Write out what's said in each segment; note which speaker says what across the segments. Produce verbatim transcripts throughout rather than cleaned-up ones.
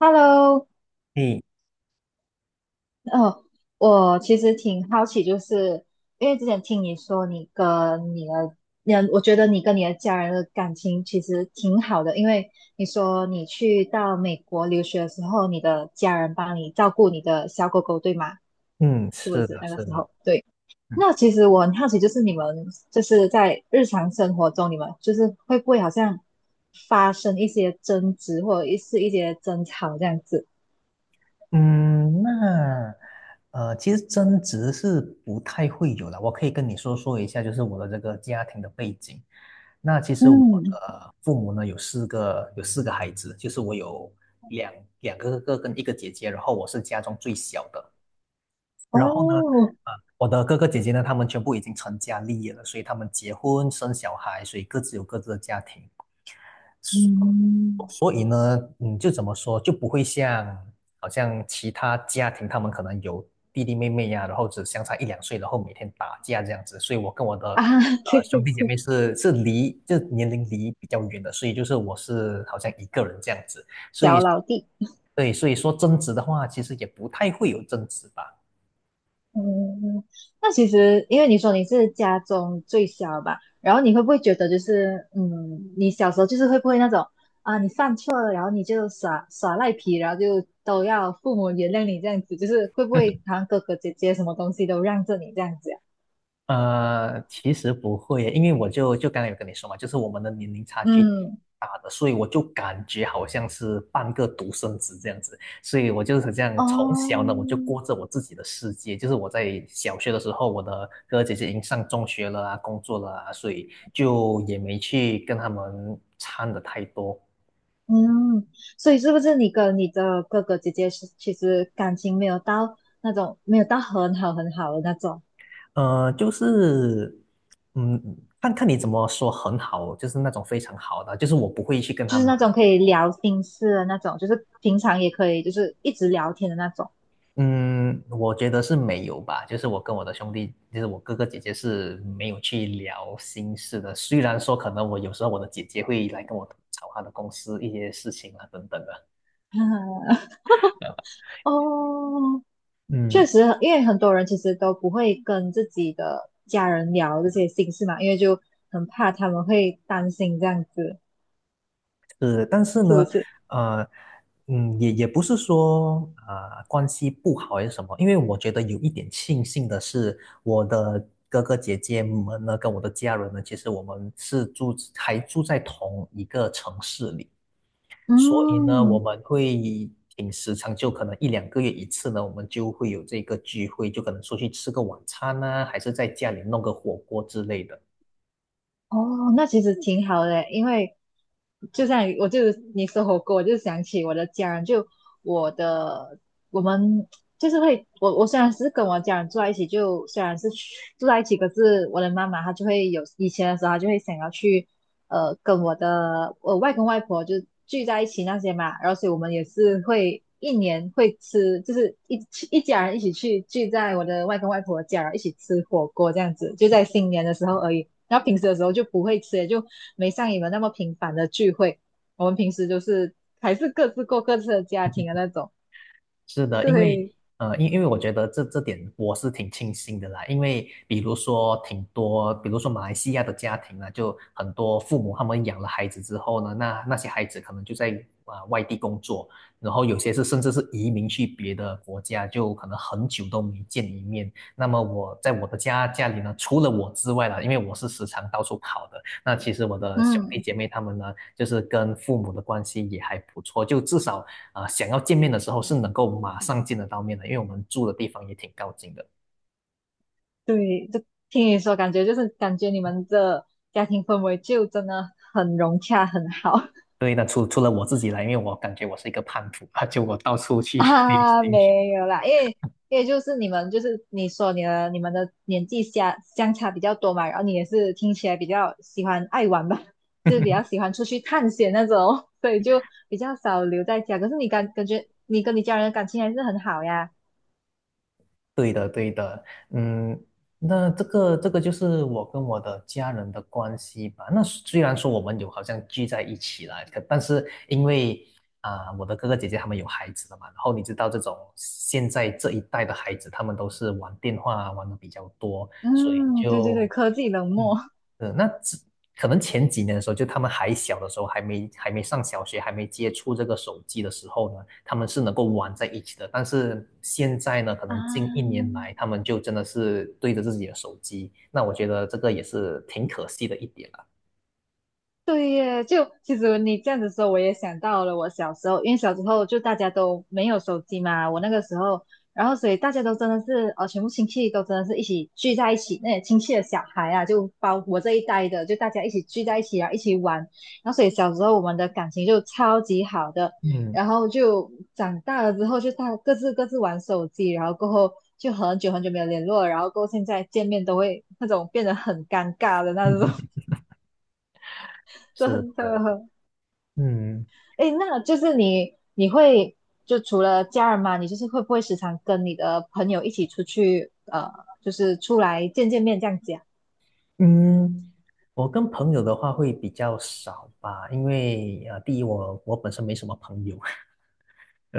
Speaker 1: Hello，
Speaker 2: 嗯
Speaker 1: 哦，我其实挺好奇，就是因为之前听你说你跟你的，你的我觉得你跟你的家人的感情其实挺好的，因为你说你去到美国留学的时候，你的家人帮你照顾你的小狗狗，对吗？
Speaker 2: 嗯，
Speaker 1: 是不
Speaker 2: 是的，
Speaker 1: 是那个
Speaker 2: 是
Speaker 1: 时
Speaker 2: 的。
Speaker 1: 候？对，
Speaker 2: 嗯
Speaker 1: 那其实我很好奇，就是你们就是在日常生活中，你们就是会不会好像发生一些争执，或者是一些争吵这样子？
Speaker 2: 嗯。那呃，其实争执是不太会有的。我可以跟你说说一下，就是我的这个家庭的背景。那其实我
Speaker 1: 嗯，
Speaker 2: 的父母呢有四个有四个孩子，就是我有两两个哥哥跟一个姐姐，然后我是家中最小的。然后呢，
Speaker 1: 哦，
Speaker 2: 呃，我的哥哥姐姐呢，他们全部已经成家立业了，所以他们结婚生小孩，所以各自有各自的家庭。
Speaker 1: 嗯，
Speaker 2: 所以呢，嗯，就怎么说，就不会像好像其他家庭，他们可能有弟弟妹妹呀、然后只相差一两岁，然后每天打架这样子。所以我跟我的
Speaker 1: 啊，
Speaker 2: 呃
Speaker 1: 对对
Speaker 2: 兄弟姐
Speaker 1: 对，
Speaker 2: 妹是是离，就年龄离比较远的，所以就是我是好像一个人这样子。所
Speaker 1: 小
Speaker 2: 以，
Speaker 1: 老弟。
Speaker 2: 对，所以说争执的话，其实也不太会有争执吧。
Speaker 1: 嗯，嗯那其实因为你说你是家中最小吧，然后你会不会觉得就是，嗯，你小时候就是会不会那种啊，你犯错了，然后你就耍耍赖皮，然后就都要父母原谅你这样子，就是会不会好像哥哥姐姐什么东西都让着你这样子呀？
Speaker 2: 呃，其实不会耶，因为我就就刚才有跟你说嘛，就是我们的年龄差距挺
Speaker 1: 嗯，
Speaker 2: 大的，所以我就感觉好像是半个独生子这样子，所以我就是这样，从小呢
Speaker 1: 哦，
Speaker 2: 我就过着我自己的世界，就是我在小学的时候，我的哥哥姐姐已经上中学了啊，工作了啊，所以就也没去跟他们掺的太多。
Speaker 1: 嗯，所以是不是你跟你的哥哥姐姐是其实感情没有到那种没有到很好很好的那种？
Speaker 2: 呃，就是。嗯，看看你怎么说很好，就是那种非常好的，就是我不会去跟
Speaker 1: 就
Speaker 2: 他
Speaker 1: 是
Speaker 2: 们
Speaker 1: 那种可以聊心事的那种，就是平常也可以就是一直聊天的那种。
Speaker 2: 嗯，我觉得是没有吧。就是我跟我的兄弟，就是我哥哥姐姐是没有去聊心事的。虽然说可能我有时候我的姐姐会来跟我吐槽她的公司一些事情啊等等的
Speaker 1: 哦，确
Speaker 2: 嗯，
Speaker 1: 实，因为很多人其实都不会跟自己的家人聊这些心事嘛，因为就很怕他们会担心这样子，
Speaker 2: 是，但是
Speaker 1: 是不
Speaker 2: 呢，
Speaker 1: 是？
Speaker 2: 呃，嗯，也也不是说呃关系不好还是什么，因为我觉得有一点庆幸的是，我的哥哥姐姐们呢，跟我的家人呢，其实我们是住还住在同一个城市里。所以呢，我
Speaker 1: 嗯，
Speaker 2: 们会挺时常，就可能一两个月一次呢，我们就会有这个聚会，就可能出去吃个晚餐呢、还是在家里弄个火锅之类的。
Speaker 1: 哦，那其实挺好的，因为就像我就是你说火锅，我就想起我的家人，就我的我们就是会，我我虽然是跟我家人住在一起，就虽然是去住在一起，可是我的妈妈她就会有以前的时候，她就会想要去呃跟我的我外公外婆就聚在一起那些嘛，然后所以我们也是会一年会吃，就是一一家人一起去聚在我的外公外婆家，然后一起吃火锅这样子，就在新年的时候而已。然后平时的时候就不会吃，也就没像你们那么频繁的聚会。我们平时就是还是各自过各自的家庭的那种。
Speaker 2: 是的，因
Speaker 1: 对，
Speaker 2: 为呃，因因为我觉得这这点我是挺庆幸的啦，因为比如说挺多，比如说马来西亚的家庭啊，就很多父母他们养了孩子之后呢，那那些孩子可能就在啊、呃外地工作，然后有些是甚至是移民去别的国家，就可能很久都没见一面。那么我在我的家家里呢，除了我之外啦，因为我是时常到处跑的，那其实我的兄弟
Speaker 1: 嗯，
Speaker 2: 姐妹他们呢，就是跟父母的关系也还不错，就至少。啊，想要见面的时候是能够马上见得到面的，因为我们住的地方也挺靠近的。
Speaker 1: 对，就听你说，感觉就是感觉你们的家庭氛围就真的很融洽，很好。
Speaker 2: 对的，除除了我自己来，因为我感觉我是一个叛徒啊，就我到处 去旅
Speaker 1: 啊，
Speaker 2: 行。
Speaker 1: 没有啦，因为因为就是你们就是你说你的你们的年纪相相差比较多嘛，然后你也是听起来比较喜欢爱玩吧，就是比较 喜欢出去探险那种，所以就比较少留在家。可是你感感觉你跟你家人的感情还是很好呀。
Speaker 2: 对的，对的。嗯，那这个这个就是我跟我的家人的关系吧。那虽然说我们有好像聚在一起了，可但是因为啊、我的哥哥姐姐他们有孩子了嘛，然后你知道这种现在这一代的孩子，他们都是玩电话玩的比较多，所以
Speaker 1: 嗯，对对对，
Speaker 2: 就
Speaker 1: 科技冷
Speaker 2: 嗯，
Speaker 1: 漠
Speaker 2: 呃，那只可能前几年的时候，就他们还小的时候，还没还没上小学，还没接触这个手机的时候呢，他们是能够玩在一起的。但是现在呢，可
Speaker 1: 啊，
Speaker 2: 能近一年来，他们就真的是对着自己的手机。那我觉得这个也是挺可惜的一点了。
Speaker 1: 对耶，就其实你这样子说，我也想到了我小时候，因为小时候就大家都没有手机嘛，我那个时候，然后所以大家都真的是，呃，全部亲戚都真的是一起聚在一起，那些亲戚的小孩啊，就包我这一代的，就大家一起聚在一起啊，一起玩，然后所以小时候我们的感情就超级好的，
Speaker 2: 嗯，
Speaker 1: 然后就长大了之后就大各自各自玩手机，然后过后就很久很久没有联络了，然后过后现在见面都会那种变得很尴尬的那种，
Speaker 2: 是
Speaker 1: 真
Speaker 2: 的。
Speaker 1: 的。
Speaker 2: 嗯
Speaker 1: 哎，那就是你你会就除了家人嘛，你就是会不会时常跟你的朋友一起出去，呃，就是出来见见面这样子啊？
Speaker 2: 嗯，我跟朋友的话会比较少吧，因为呃，第一我我本身没什么朋友，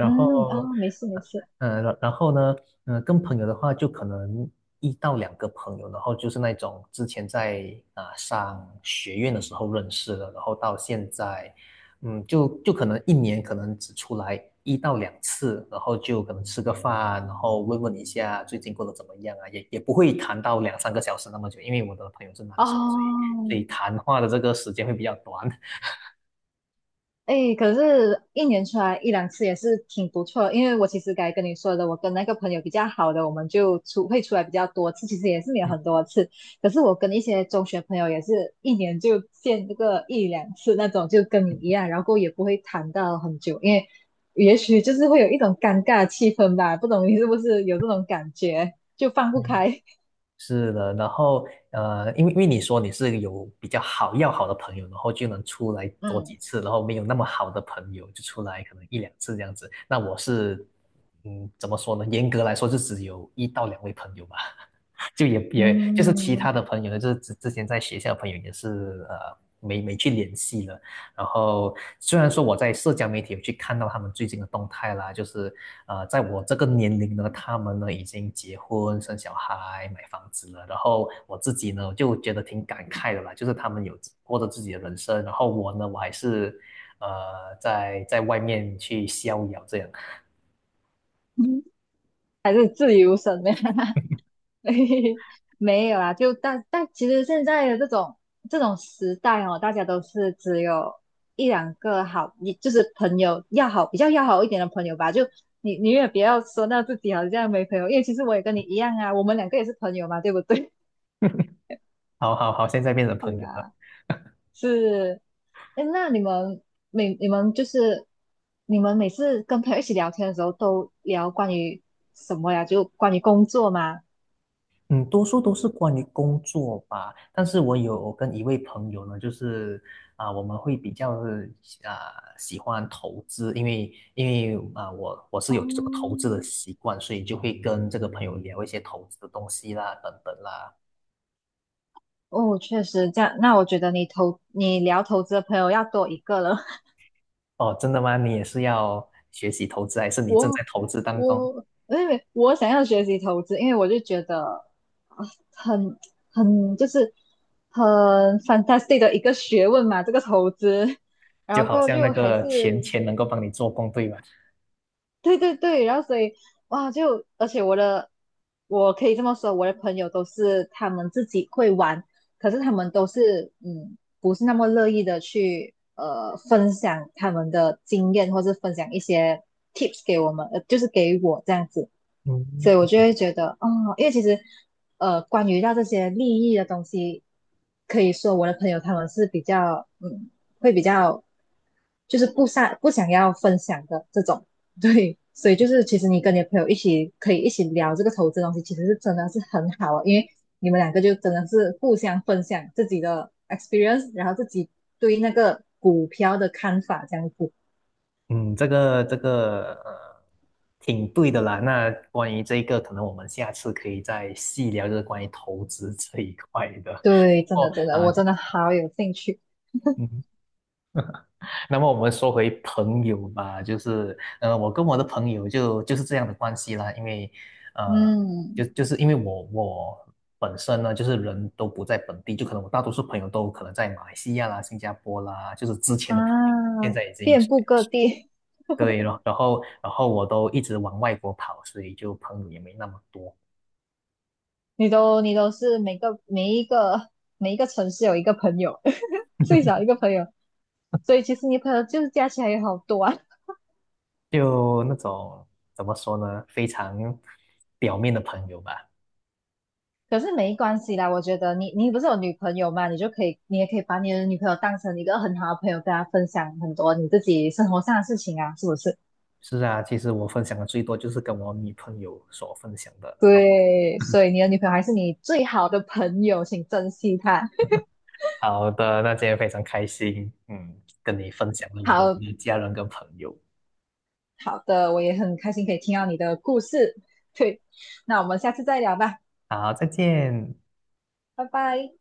Speaker 1: 嗯，啊、
Speaker 2: 后，
Speaker 1: 没事没事，
Speaker 2: 嗯、然然后呢，嗯、跟朋友的话，就可能一到两个朋友，然后就是那种之前在啊、上学院的时候认识的，然后到现在，嗯，就就可能一年可能只出来一到两次，然后就可能吃个饭，然后问问一下最近过得怎么样啊，也也不会谈到两三个小时那么久，因为我的朋友是男生，所
Speaker 1: 哦，
Speaker 2: 以所以谈话的这个时间会比较短。
Speaker 1: 哎，可是，一年出来一两次也是挺不错的，因为我其实该跟你说的，我跟那个朋友比较好的，我们就出会出来比较多次，其实也是没 有
Speaker 2: 嗯
Speaker 1: 很多次。可是我跟一些中学朋友也是一年就见这个一两次那种，就跟你一样，然后也不会谈到很久，因为也许就是会有一种尴尬的气氛吧，不懂你是不是有这种感觉，就放不
Speaker 2: 嗯。
Speaker 1: 开。
Speaker 2: 是的，然后呃，因为因为你说你是有比较好要好的朋友，然后就能出来多几
Speaker 1: 嗯
Speaker 2: 次，然后没有那么好的朋友就出来可能一两次这样子。那我是，嗯，怎么说呢？严格来说就只有一到两位朋友吧。就也也就是其
Speaker 1: 嗯，
Speaker 2: 他的朋友呢，就是之之前在学校的朋友也是呃没没去联系了。然后虽然说我在社交媒体有去看到他们最近的动态啦，就是呃在我这个年龄呢，他们呢已经结婚生小孩买房子了。然后我自己呢就觉得挺感慨的啦，就是他们有过着自己的人生，然后我呢我还是呃在在外面去逍遥这样。
Speaker 1: 还是自由身呗。没有啊，就但但其实现在的这种这种时代哦，大家都是只有一两个好，你就是朋友要好，比较要好一点的朋友吧。就你你也不要说到自己好像没朋友，因为其实我也跟你一样啊，我们两个也是朋友嘛，对不对？
Speaker 2: 好好好，现在变成 朋
Speaker 1: 是
Speaker 2: 友了。
Speaker 1: 啊，是。哎，那你们每你们就是你们每次跟朋友一起聊天的时候，都聊关于什么呀？就关于工作吗？
Speaker 2: 嗯，多数都是关于工作吧，但是我有跟一位朋友呢，就是啊、我们会比较啊、喜欢投资，因为因为啊、我我是有这个投
Speaker 1: 哦
Speaker 2: 资的习惯，所以就会跟这个朋友聊一些投资的东西啦，等等啦。
Speaker 1: 哦，确实这样。那我觉得你投你聊投资的朋友要多一个了。
Speaker 2: 哦，真的吗？你也是要学习投资，还是你正
Speaker 1: 我
Speaker 2: 在投资当中？
Speaker 1: 我因为我想要学习投资，因为我就觉得啊，很很就是很 fantastic 的一个学问嘛，这个投资。然
Speaker 2: 就
Speaker 1: 后
Speaker 2: 好
Speaker 1: 过后
Speaker 2: 像那
Speaker 1: 就还是
Speaker 2: 个钱钱能够帮你做工，对吧？
Speaker 1: 对对对，然后所以哇，就而且我的，我可以这么说，我的朋友都是他们自己会玩，可是他们都是嗯，不是那么乐意的去呃分享他们的经验，或是分享一些 tips 给我们，呃，就是给我这样子，所以我
Speaker 2: 嗯。
Speaker 1: 就会觉得哦，因为其实呃，关于到这些利益的东西，可以说我的朋友他们是比较嗯，会比较就是不想不想要分享的这种。对，所以就是其实你跟你的朋友一起可以一起聊这个投资的东西，其实是真的是很好啊，因为你们两个就真的是互相分享自己的 experience，然后自己对那个股票的看法这样子。
Speaker 2: 嗯，这个这个呃，挺对的啦。那关于这个，可能我们下次可以再细聊，就是关于投资这一块的。
Speaker 1: 对，真的
Speaker 2: 哦，
Speaker 1: 真的，
Speaker 2: 啊、
Speaker 1: 我
Speaker 2: 就
Speaker 1: 真的好有兴趣。
Speaker 2: 嗯，那么我们说回朋友吧，就是呃，我跟我的朋友就就是这样的关系啦，因为呃，就
Speaker 1: 嗯
Speaker 2: 就是因为我我本身呢，就是人都不在本地，就可能我大多数朋友都可能在马来西亚啦、新加坡啦，就是之前的朋友，
Speaker 1: 啊，
Speaker 2: 现在已经。
Speaker 1: 遍布各地，
Speaker 2: 对，了，然后然后我都一直往外国跑，所以就朋友也没那么多，
Speaker 1: 你都你都是每个每一个每一个城市有一个朋友，最少 一个朋友，所以其实你朋友就是加起来有好多啊。
Speaker 2: 就那种怎么说呢，非常表面的朋友吧。
Speaker 1: 可是没关系啦，我觉得你你不是有女朋友嘛，你就可以，你也可以把你的女朋友当成一个很好的朋友，跟她分享很多你自己生活上的事情啊，是不是？
Speaker 2: 是啊，其实我分享的最多就是跟我女朋友所分享的那种。
Speaker 1: 对，所以你的女朋友还是你最好的朋友，请珍惜她。
Speaker 2: 哦，好的，那今天非常开心，嗯，跟你分享了我的
Speaker 1: 好
Speaker 2: 家人跟朋友。
Speaker 1: 好的，我也很开心可以听到你的故事。对，那我们下次再聊吧，
Speaker 2: 好，再见。
Speaker 1: 拜拜。